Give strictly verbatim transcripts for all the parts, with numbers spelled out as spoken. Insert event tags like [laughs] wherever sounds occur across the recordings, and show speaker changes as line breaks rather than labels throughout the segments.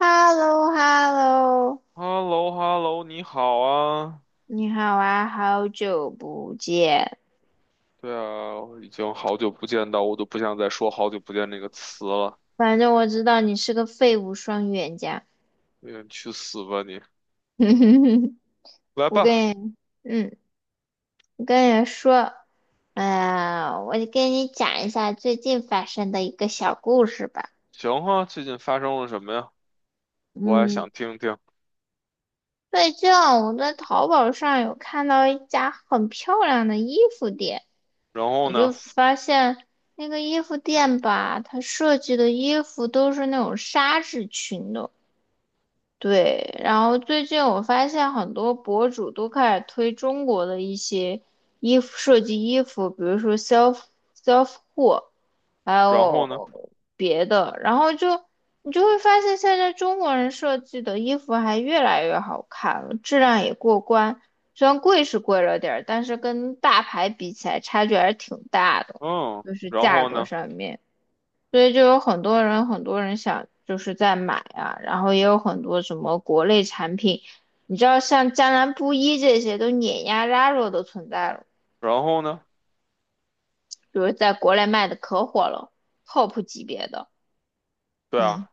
h e l l o h e l l o
h e l l o h e l l o 你好啊。
你好啊，好久不见。
对啊，我已经好久不见到，我都不想再说“好久不见”这个词了。
反正我知道你是个废物双语言家。
嗯你去死吧你！
[laughs]
来
我
吧，
跟你，嗯，我跟你说，呀，我就跟你讲一下最近发生的一个小故事吧。
行啊，最近发生了什么呀？我还
嗯，
想听听。
最近啊我在淘宝上有看到一家很漂亮的衣服店，
然后
我就
呢？
发现那个衣服店吧，它设计的衣服都是那种纱质裙的。对，然后最近我发现很多博主都开始推中国的一些衣服设计衣服，比如说 self self 货，还
然后呢？
有别的，然后就你就会发现现在中国人设计的衣服还越来越好看了，质量也过关，虽然贵是贵了点儿，但是跟大牌比起来差距还是挺大的，
嗯，
就是
然
价
后
格
呢？
上面。所以就有很多人，很多人想就是在买啊，然后也有很多什么国内产品，你知道像江南布衣这些都碾压 Zara 的存在了，
然后呢？
就是在国内卖的可火了，top 级别的，
对
嗯，
啊，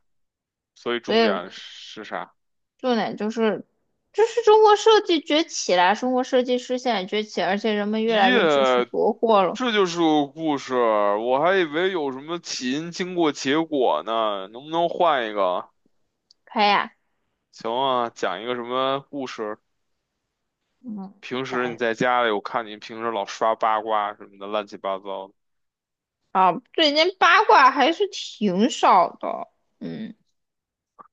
所以
所
重
以
点是啥？
重点就是，就是中国设计崛起啦，中国设计师现在崛起，而且人们越来
耶，
越支持国货了，
这就是个故事，我还以为有什么起因、经过、结果呢，能不能换一个啊？
开呀，
行啊，讲一个什么故事？
嗯，
平
加
时你
油
在家里，我看你平时老刷八卦什么的，乱七八糟的，
啊，最近八卦还是挺少的，嗯。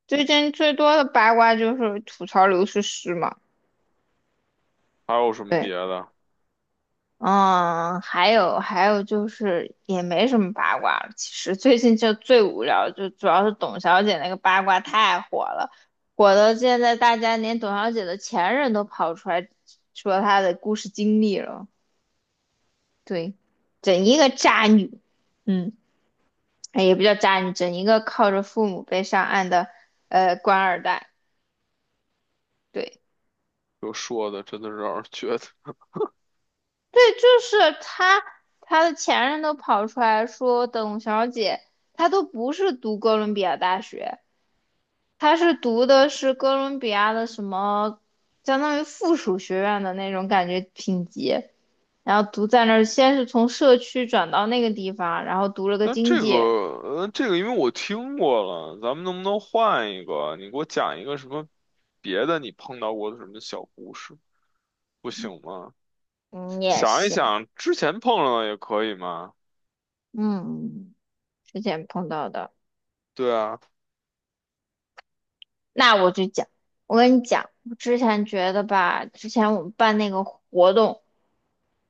最近最多的八卦就是吐槽刘诗诗嘛，
还有什么
对，
别的？
嗯，还有还有就是也没什么八卦了，其实最近就最无聊，就主要是董小姐那个八卦太火了，火到现在大家连董小姐的前任都跑出来说她的故事经历了，对，整一个渣女，嗯，哎也不叫渣女，整一个靠着父母被上岸的呃官二代，对，
就说的，真的是让人觉得。
对，就是他，他的前任都跑出来说，董小姐她都不是读哥伦比亚大学，她是读的是哥伦比亚的什么，相当于附属学院的那种感觉品级，然后读在那儿，先是从社区转到那个地方，然后读了个
那
经
这个，
济，
呃，这个，因为我听过了，咱们能不能换一个？你给我讲一个什么别的你碰到过的什么小故事，不行吗？
嗯，也
想一
行，
想之前碰上的也可以吗？
嗯，之前碰到的，
对啊，
那我就讲，我跟你讲，我之前觉得吧，之前我们办那个活动。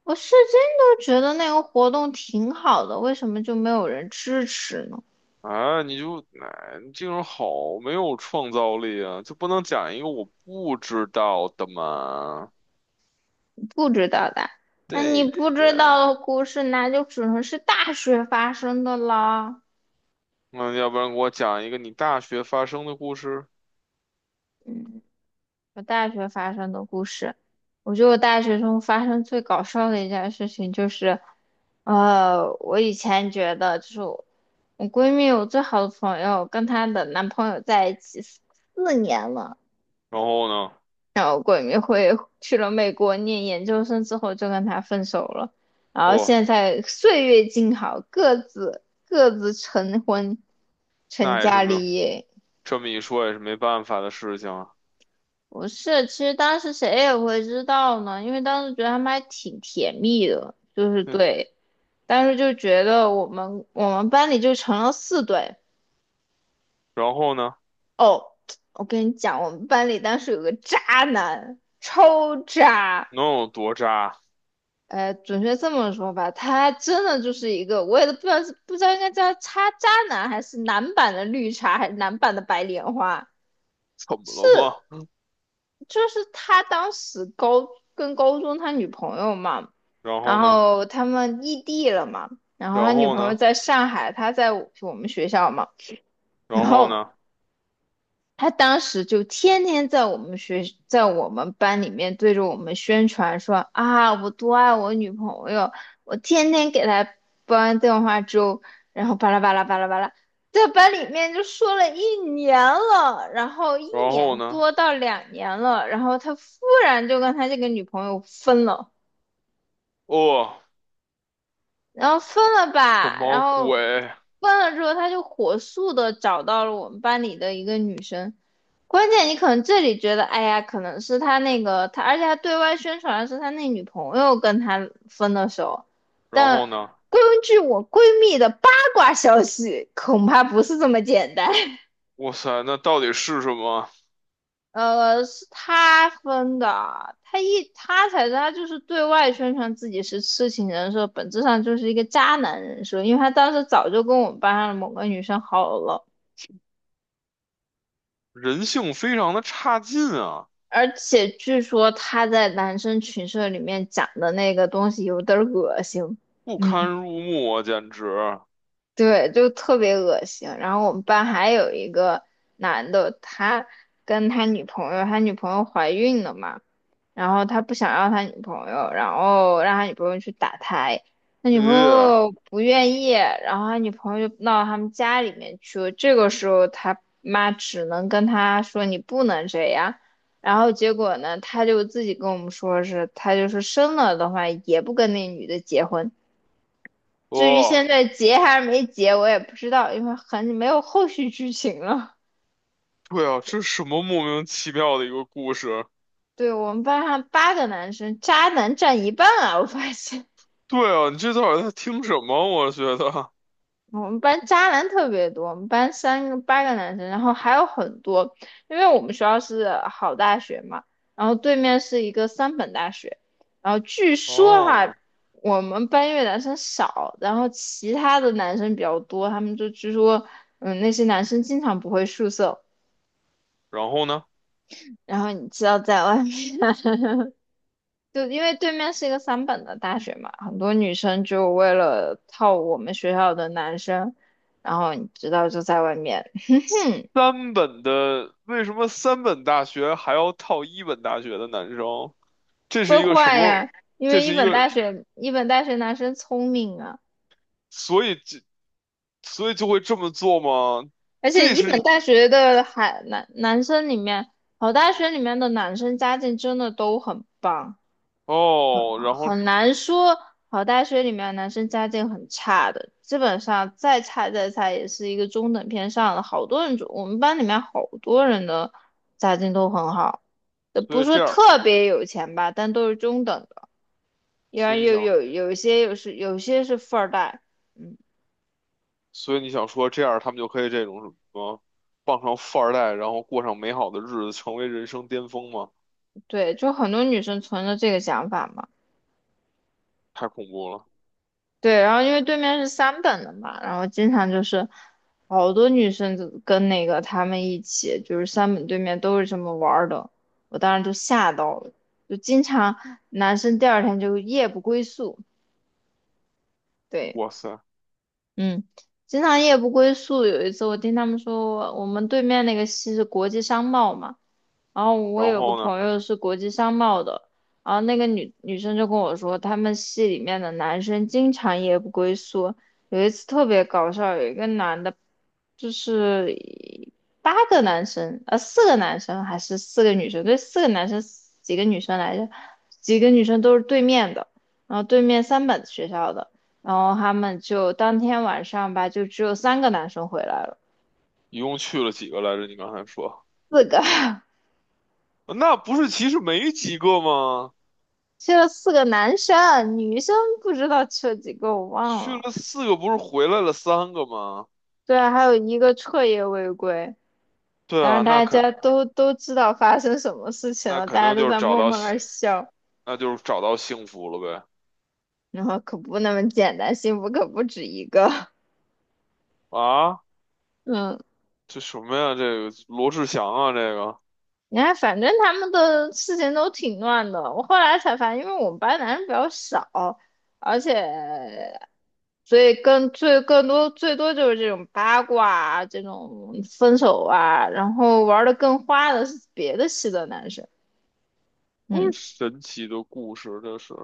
我是真的觉得那个活动挺好的，为什么就没有人支持呢？
啊，你就，哎，你这个人好没有创造力啊，就不能讲一个我不知道的吗？
不知道的，那你
对
不知
呀。
道的故事，那就只能是大学发生的啦。
那要不然给我讲一个你大学发生的故事。
嗯，我大学发生的故事，我觉得我大学中发生最搞笑的一件事情就是，呃，我以前觉得就是我我闺蜜，我最好的朋友跟她的男朋友在一起四四年了。
然后呢，
鬼迷会去了美国念研究生之后就跟他分手了，然后
不，
现在岁月静好，各自各自成婚，成
那也是
家
没有，
立业。
这么一说也是没办法的事情啊。
不是，其实当时谁也会知道呢，因为当时觉得他们还挺甜蜜的，就是
嗯，
对，当时就觉得我们我们班里就成了四对。
然后呢，
哦，我跟你讲，我们班里当时有个渣男，超渣。
能有多渣？
呃，准确这么说吧，他真的就是一个，我也都不知道是不知道应该叫他渣渣男，还是男版的绿茶，还是男版的白莲花？
怎么
是，
了吗？
就是他当时高跟高中他女朋友嘛，
然后
然
呢，
后他们异地了嘛，然后他
然
女
后
朋友
呢，
在上海，他在我们学校嘛，然
然后呢，
后他当时就天天在我们学，在我们班里面对着我们宣传说啊，我多爱我女朋友，我天天给她煲电话粥，然后巴拉巴拉巴拉巴拉，在班里面就说了一年了，然后一
然后
年
呢？
多到两年了，然后他忽然就跟他这个女朋友分了。
哦，
然后分了
什
吧，然
么
后
鬼？
分了之后，他就火速的找到了我们班里的一个女生。关键你可能这里觉得，哎呀，可能是他那个他，而且他对外宣传的是他那女朋友跟他分的手，
然
但
后呢？
根据我闺蜜的八卦消息，恐怕不是这么简单。[laughs]
哇塞，那到底是什么？
呃，是他分的啊，他一他才是他就是对外宣传自己是痴情人设，本质上就是一个渣男人设，因为他当时早就跟我们班上的某个女生好了，
人性非常的差劲啊，
而且据说他在男生群社里面讲的那个东西有点儿恶心，
不堪
嗯。
入目啊，简直！
对，就特别恶心。然后我们班还有一个男的，他跟他女朋友，他女朋友怀孕了嘛，然后他不想要他女朋友，然后让他女朋友去打胎，他女朋
咦，
友不愿意，然后他女朋友就闹到他们家里面去了。这个时候他妈只能跟他说你不能这样，然后结果呢，他就自己跟我们说是，他就是生了的话也不跟那女的结婚。至于
哦，
现在结还是没结，我也不知道，因为很没有后续剧情了。
对啊，这是什么莫名其妙的一个故事？
对我们班上八个男生，渣男占一半啊！我发现
[laughs] 对啊，你这到底在听什么？我觉得，
我们班渣男特别多，我们班三个八个男生，然后还有很多，因为我们学校是好大学嘛，然后对面是一个三本大学，然后据说哈，
哦，
我们班因为男生少，然后其他的男生比较多，他们就据说，嗯，那些男生经常不回宿舍，
然后呢？
然后你知道在外面。就因为对面是一个三本的大学嘛，很多女生就为了套我们学校的男生，然后你知道就在外面
三本的，为什么三本大学还要套一本大学的男生？这是
会
一个什
坏
么？
呀。因
这
为一
是一
本
个，
大学一本大学男生聪明啊，
所以这，所以就会这么做吗？
而且
这
一本
是，
大学的海男男生里面，好大学里面的男生家境真的都很棒。
哦，然后，
很难说，好大学里面男生家境很差的，基本上再差再差也是一个中等偏上的。好多人就，我们班里面好多人的家境都很好，呃不
所以
是说
这样，
特别有钱吧，但都是中等的。因
所以
为
你
有
想，
有有一些有是有些是富二代，嗯，
所以你想说这样，他们就可以这种什么，傍上富二代，然后过上美好的日子，成为人生巅峰吗？
对，就很多女生存着这个想法嘛。
太恐怖了，
对，然后因为对面是三本的嘛，然后经常就是好多女生就跟那个他们一起，就是三本对面都是这么玩儿的，我当时就吓到了，就经常男生第二天就夜不归宿，对。
哇塞！
嗯，经常夜不归宿。有一次我听他们说我，们对面那个系是国际商贸嘛，然后我
然
有个
后呢？
朋友是国际商贸的，然后那个女女生就跟我说，他们系里面的男生经常夜不归宿。有一次特别搞笑，有一个男的，就是八个男生，呃，四个男生还是四个女生？对，四个男生，几个女生来着？几个女生都是对面的，然后对面三本学校的。然后他们就当天晚上吧，就只有三个男生回来了，
一共去了几个来着？你刚才说，
四个 [laughs]
呃那不是其实没几个吗？
去了四个男生，女生不知道去了几个，我忘
去
了。
了四个，不是回来了三个吗？
对，啊，还有一个彻夜未归，
对
当
啊，
然
那
大
肯
家都都知道发生什么事情
那
了，
肯
大家
定
都
就是
在
找
默
到，
默那儿笑，
那就是找到幸福了呗。
然后可不那么简单，幸福可不止一个，
啊，
[laughs] 嗯。
这什么呀？这个罗志祥啊，这个
你看，反正他们的事情都挺乱的。我后来才发现，因为我们班男生比较少，而且所以更最更多最多就是这种八卦啊这种分手啊，然后玩的更花的是别的系的男生。
多
嗯，
神奇的故事，这是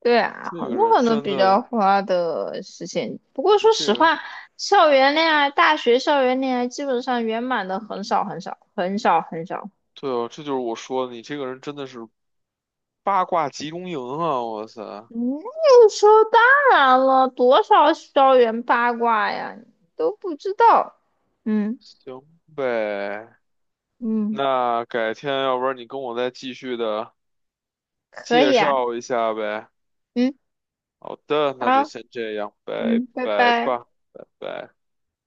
对啊，
这
很
个
多
人
很多
真
比较
的，
花的事情。不过
你
说
这
实
个
话，校园恋爱、大学校园恋爱基本上圆满的很少很少很少很少
对哦，这就是我说的，你这个人真的是八卦集中营啊！我塞，
嗯，有说时候当然了，多少校园八卦呀，你都不知道。嗯
行呗，
嗯，
那改天要不然你跟我再继续的。
可
介
以啊，
绍一下呗。
嗯，
好的，那就
好，
先这样，拜
嗯，拜
拜
拜。
吧，拜拜。